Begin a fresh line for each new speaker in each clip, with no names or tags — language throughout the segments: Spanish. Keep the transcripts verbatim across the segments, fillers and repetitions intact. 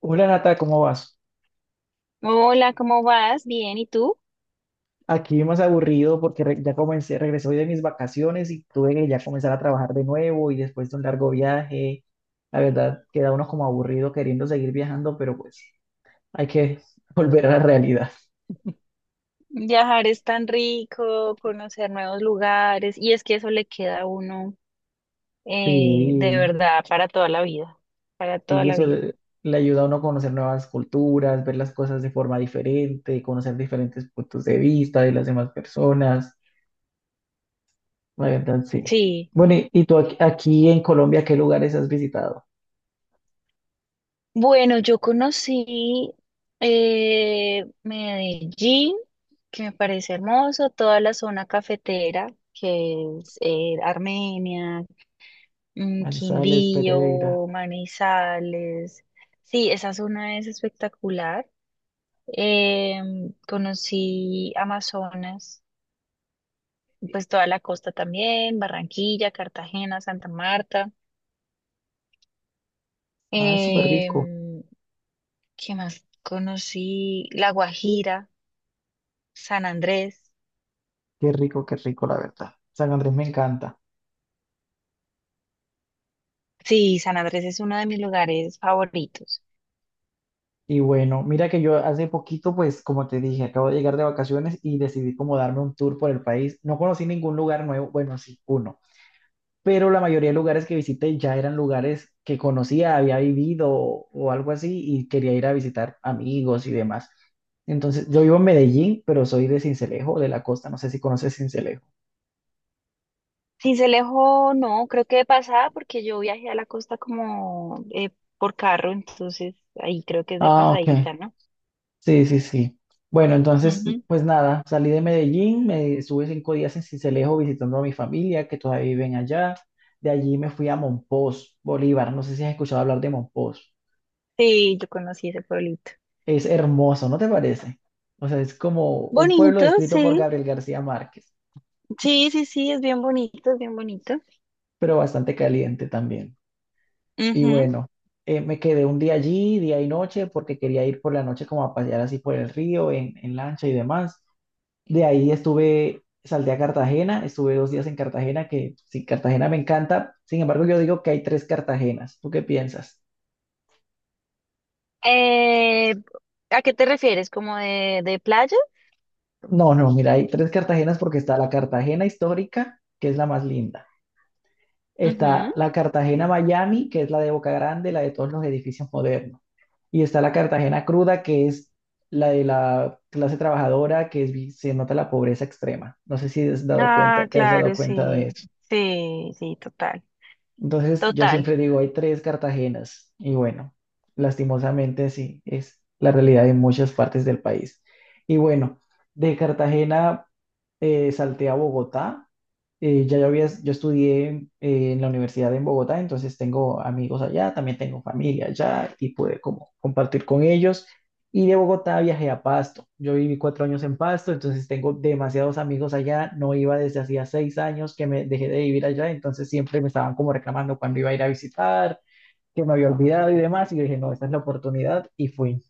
Hola, Nata, ¿cómo vas?
Hola, ¿cómo vas? Bien, ¿y tú?
Aquí más aburrido porque re- ya comencé, regresé hoy de mis vacaciones y tuve que ya comenzar a trabajar de nuevo y después de un largo viaje, la verdad queda uno como aburrido queriendo seguir viajando, pero pues hay que volver a la realidad.
Viajar es tan rico, conocer nuevos lugares, y es que eso le queda a uno eh, de
Sí,
verdad para toda la vida, para toda
sí,
la
eso
vida.
le le ayuda a uno a conocer nuevas culturas, ver las cosas de forma diferente, conocer diferentes puntos de vista de las demás personas, la verdad sí.
Sí,
Bueno, y, y tú aquí, aquí en Colombia, ¿qué lugares has visitado?
bueno, yo conocí eh, Medellín, que me parece hermoso, toda la zona cafetera, que es eh, Armenia, mm,
Manizales, Pereira.
Quindío, Manizales. Sí, esa zona es espectacular. Eh, Conocí Amazonas, pues toda la costa también, Barranquilla, Cartagena, Santa Marta.
Ah, es súper
Eh,
rico.
¿Qué más? Conocí La Guajira, San Andrés.
Qué rico, qué rico, la verdad. San Andrés me encanta.
Sí, San Andrés es uno de mis lugares favoritos.
Y bueno, mira que yo hace poquito, pues como te dije, acabo de llegar de vacaciones y decidí como darme un tour por el país. No conocí ningún lugar nuevo, bueno, sí, uno, pero la mayoría de lugares que visité ya eran lugares que conocía, había vivido o, o algo así y quería ir a visitar amigos y demás. Entonces, yo vivo en Medellín, pero soy de Sincelejo, de la costa, no sé si conoces Sincelejo.
Sincelejo, no, creo que de pasada porque yo viajé a la costa como eh, por carro, entonces ahí creo que es de
Ah, ok.
pasadita, ¿no?
Sí, sí, sí. Bueno, entonces,
Ujú.
pues nada, salí de Medellín, me estuve cinco días en Sincelejo visitando a mi familia que todavía viven allá. De allí me fui a Monpós, Bolívar. No sé si has escuchado hablar de Monpós.
Sí, yo conocí ese pueblito.
Es hermoso, ¿no te parece? O sea, es como un pueblo
Bonito,
descrito por
sí.
Gabriel García Márquez,
Sí, sí, sí, es bien bonito, es bien bonito.
pero bastante caliente también. Y
Ujú.
bueno, eh, me quedé un día allí, día y noche, porque quería ir por la noche como a pasear así por el río, en, en lancha y demás. De ahí estuve, salté a Cartagena, estuve dos días en Cartagena, que sí, Cartagena me encanta. Sin embargo, yo digo que hay tres Cartagenas. ¿Tú qué piensas?
Eh, ¿A qué te refieres? ¿Como de, de playa?
No, no, mira, hay tres Cartagenas porque está la Cartagena histórica, que es la más linda. Está
Ujú.
la Cartagena Miami, que es la de Boca Grande, la de todos los edificios modernos. Y está la Cartagena cruda, que es la de la clase trabajadora, que es, vi- se nota la pobreza extrema. No sé si has dado cuenta,
Ah,
te has dado
claro,
cuenta de
sí,
eso.
sí, sí, total,
Entonces, yo
total.
siempre digo, hay tres Cartagenas. Y bueno, lastimosamente sí, es la realidad de muchas partes del país. Y bueno, de Cartagena eh, salté a Bogotá. Eh, ya yo había, yo estudié eh, en la universidad en Bogotá, entonces tengo amigos allá, también tengo familia allá y pude como compartir con ellos. Y de Bogotá viajé a Pasto. Yo viví cuatro años en Pasto, entonces tengo demasiados amigos allá. No iba desde hacía seis años que me dejé de vivir allá, entonces siempre me estaban como reclamando cuando iba a ir a visitar, que me había olvidado y demás. Y yo dije, no, esta es la oportunidad y fui.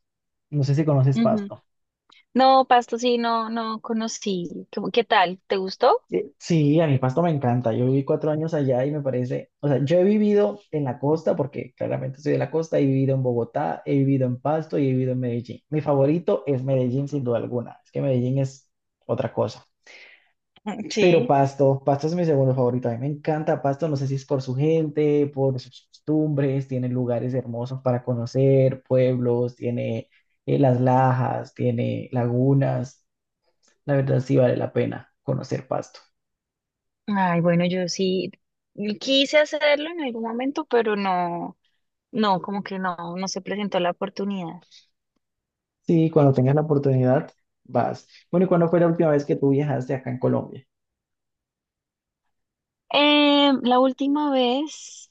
No sé si conoces
Ujú.
Pasto.
No, Pasto, sí, no, no conocí. ¿Cómo- ¿Qué tal? ¿Te gustó?
Eh, Sí, a mí Pasto me encanta. Yo viví cuatro años allá y me parece, o sea, yo he vivido en la costa, porque claramente soy de la costa, he vivido en Bogotá, he vivido en Pasto y he vivido en Medellín. Mi favorito es Medellín, sin duda alguna. Es que Medellín es otra cosa.
Mm,
Pero
sí.
Pasto, Pasto es mi segundo favorito. A mí me encanta Pasto, no sé si es por su gente, por sus costumbres, tiene lugares hermosos para conocer, pueblos, tiene eh, las lajas, tiene lagunas. La verdad sí vale la pena conocer Pasto.
Ay, bueno, yo sí quise hacerlo en algún momento, pero no, no, como que no, no se presentó la oportunidad.
Sí, cuando tengas la oportunidad, vas. Bueno, ¿y cuándo fue la última vez que tú viajaste acá en Colombia?
Eh, la última vez,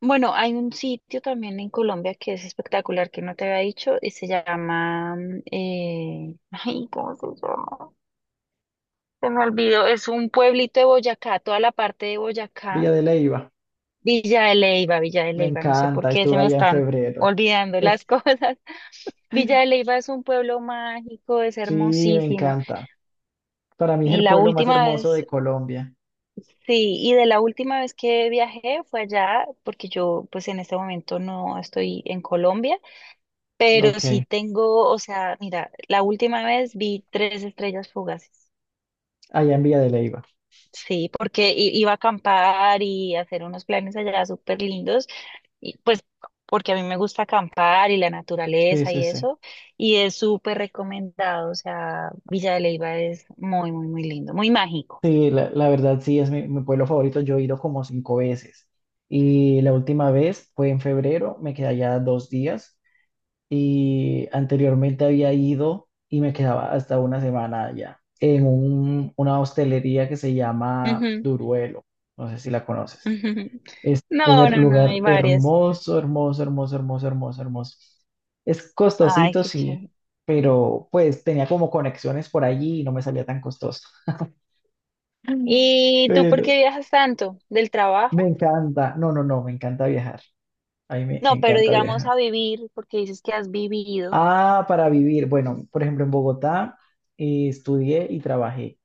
bueno, hay un sitio también en Colombia que es espectacular que no te había dicho y se llama, mm, eh, ay, ¿cómo se llama? Se me olvidó, es un pueblito de Boyacá, toda la parte de Boyacá,
Villa de Leyva,
Villa de Leyva, Villa de
me
Leyva, no sé por
encanta,
qué se
estuve
me
allá en
están
febrero.
olvidando
es,
las cosas. Villa de Leyva es un pueblo mágico, es
Sí, me
hermosísimo.
encanta. Para mí es
Y
el
la
pueblo más
última
hermoso de
vez
Colombia,
Sí, y de la última vez que viajé fue allá, porque yo pues en este momento no estoy en Colombia, pero
ok.
sí tengo, o sea, mira, la última vez vi tres estrellas fugaces.
Allá en Villa de Leyva.
Sí, porque i- iba a acampar y hacer unos planes allá súper lindos, y pues porque a mí me gusta acampar y la
Sí,
naturaleza
sí,
y
sí.
eso, y es súper recomendado, o sea, Villa de Leyva es muy, muy, muy lindo, muy mágico.
Sí, la, la verdad sí es mi, mi pueblo favorito. Yo he ido como cinco veces. Y la última vez fue en febrero, me quedé allá dos días. Y anteriormente había ido y me quedaba hasta una semana allá, en un- una hostelería que se
Ujú,
llama
ujú.
Duruelo. No sé si la conoces. Es un
No,
her-
no, no,
lugar
hay varias.
hermoso, hermoso, hermoso, hermoso, hermoso, hermoso. Es
Ay,
costosito,
qué
sí,
chévere.
pero pues tenía como conexiones por allí y no me salía tan costoso.
¿Y tú por
Pero
qué viajas tanto? ¿Del
me
trabajo?
encanta, no, no, no, me encanta viajar. A mí me
No, pero
encanta
digamos
viajar.
a vivir, porque dices que has vivido.
Ah, para vivir. Bueno, por ejemplo, en Bogotá eh, estudié y trabajé.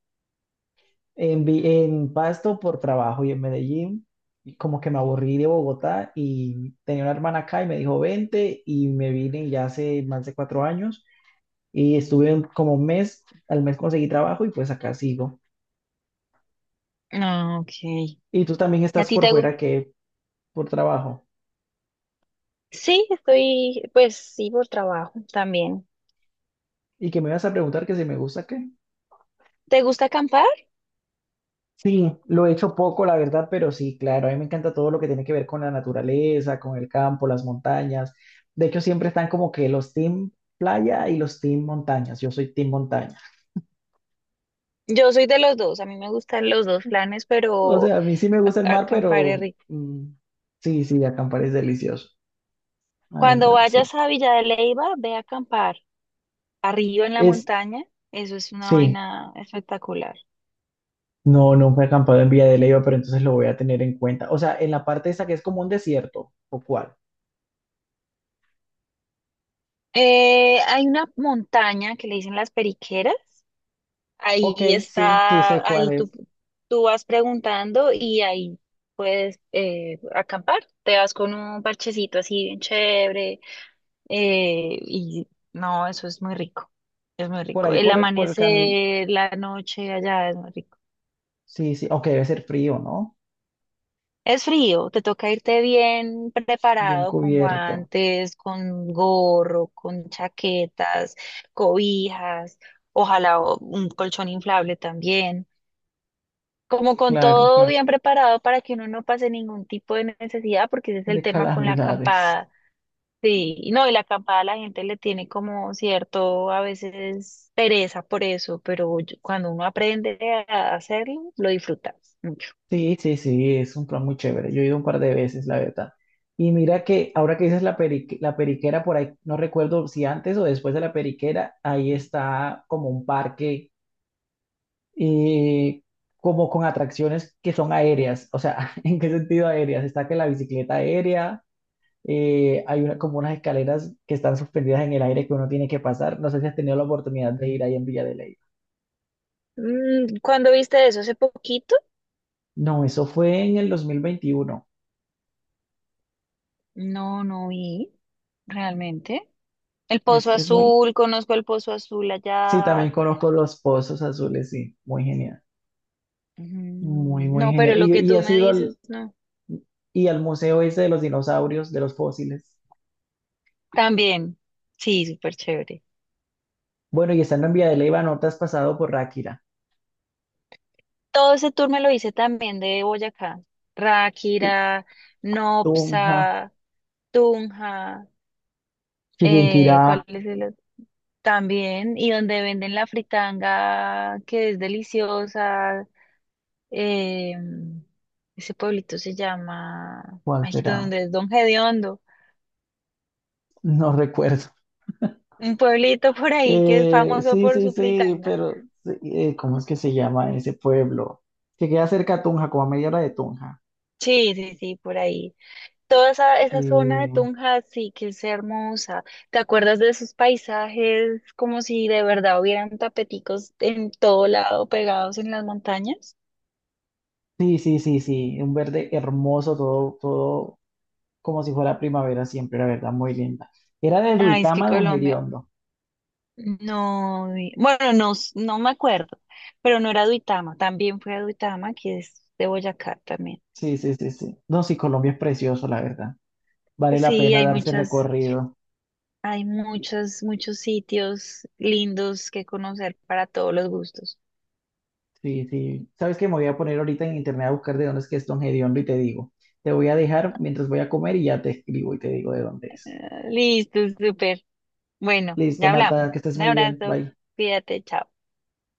En, Vi- en Pasto por trabajo y en Medellín, y como que me aburrí de Bogotá y tenía una hermana acá y me dijo, vente y me vine ya hace más de cuatro años y estuve un- como un mes, al mes conseguí trabajo y pues acá sigo.
Ah, ok.
Y tú también
¿Y a
estás
ti
por
te gusta?
fuera que por trabajo.
Sí, estoy, pues sí, por trabajo también.
¿Y que me vas a preguntar que si me gusta?
¿Te gusta acampar?
Sí, lo he hecho poco, la verdad, pero sí, claro, a mí me encanta todo lo que tiene que ver con la naturaleza, con el campo, las montañas. De hecho, siempre están como que los team playa y los team montañas. Yo soy team montaña.
Yo soy de los dos, a mí me gustan los dos planes,
O
pero
sea, a mí sí me gusta el
a-
mar,
acampar es
pero
rico.
mm, sí, sí, acampar es delicioso. La
Cuando
verdad, sí.
vayas a Villa de Leyva, ve a acampar arriba en la
Es,
montaña, eso es una
sí,
vaina espectacular.
no, nunca he acampado en Villa de Leyva, pero entonces lo voy a tener en cuenta. O sea, en la parte esa que es como un desierto, ¿o cuál?
Eh, hay una montaña que le dicen las Periqueras,
Ok,
ahí
sí, sí
está,
sé
ahí
cuál
tú,
es.
tú vas preguntando y ahí puedes eh, acampar. Te vas con un parchecito así bien chévere eh, y no, eso es muy rico, es muy
Por
rico.
ahí,
El
por, por el camino.
amanecer, la noche allá es muy rico.
Sí, sí, ok, debe ser frío, ¿no?
Es frío, te toca irte bien
Bien
preparado con
cubierto,
guantes, con gorro, con chaquetas, cobijas, ojalá o- un colchón inflable también. Como con
claro,
todo
claro,
bien preparado para que uno no pase ningún tipo de necesidad, porque ese es el
de
tema con la
calamidades.
acampada. Sí, y no, y la acampada la gente le tiene como cierto, a veces pereza por eso, pero yo- cuando uno aprende a hacerlo, lo disfrutas mucho.
Sí, sí, sí, es un plan muy chévere. Yo he ido un par de veces, la verdad. Y mira que ahora que dices la perique- la periquera por ahí, no recuerdo si antes o después de la periquera, ahí está como un parque, eh, como con atracciones que son aéreas. O sea, ¿en qué sentido aéreas? Está que la bicicleta aérea, eh, hay una, como unas escaleras que están suspendidas en el aire que uno tiene que pasar. No sé si has tenido la oportunidad de ir ahí en Villa de Ley.
Mm, ¿cuándo viste eso? ¿Hace poquito?
No, eso fue en el dos mil veintiuno.
No, no vi, realmente. El
Es,
Pozo
es muy...
Azul, conozco el Pozo Azul
Sí,
allá.
también conozco los Pozos Azules, sí. Muy genial. Muy,
Mm,
muy
no, pero
genial.
lo
Y,
que
y
tú
has
me
ido al,
dices, no.
y al museo ese de los dinosaurios, de los fósiles.
También, sí, súper chévere.
Bueno, y estando en Vía de Leyva, ¿no te has pasado por Ráquira?
Todo ese tour me lo hice también de Boyacá.
Y
Ráquira,
Tunja,
Nopsa, Tunja, eh,
Chiquinquirá,
¿cuál es el otro? También, y donde venden la fritanga, que es deliciosa. eh, Ese pueblito se llama,
¿cuál
ay,
será?
donde es Don Gediondo,
No recuerdo.
un pueblito por ahí que es
Eh,
famoso
sí,
por
sí,
su
sí,
fritanga.
pero sí, eh, ¿cómo es que se llama ese pueblo? Que queda cerca a Tunja, como a media hora de Tunja.
Sí, sí, sí, por ahí. Toda esa, esa zona de
Eh,
Tunja sí que es hermosa. ¿Te acuerdas de esos paisajes como si de verdad hubieran tapeticos en todo lado pegados en las montañas?
Sí, sí, sí, sí, un verde hermoso, todo, todo como si fuera primavera siempre, la verdad, muy linda. Era de
Ay, es que
Duitama, Don
Colombia.
Gediondo.
No, vi- bueno, no, s- no me acuerdo, pero no era Duitama, también fue a Duitama, que es de Boyacá también.
Sí, sí, sí, sí. No, sí, Colombia es precioso, la verdad. Vale
Pues
la
sí,
pena
hay
darse
muchas,
recorrido.
hay muchos, muchos sitios lindos que conocer para todos los gustos.
Sí, sí. ¿Sabes qué? Me voy a poner ahorita en internet a buscar de dónde es que es Don Gediondo y te digo. Te voy a dejar mientras voy a comer y ya te escribo y te digo de dónde es.
Ah, listo, súper. Bueno,
Listo,
ya hablamos.
Nata, que estés
Un
muy bien.
abrazo,
Bye.
cuídate, chao.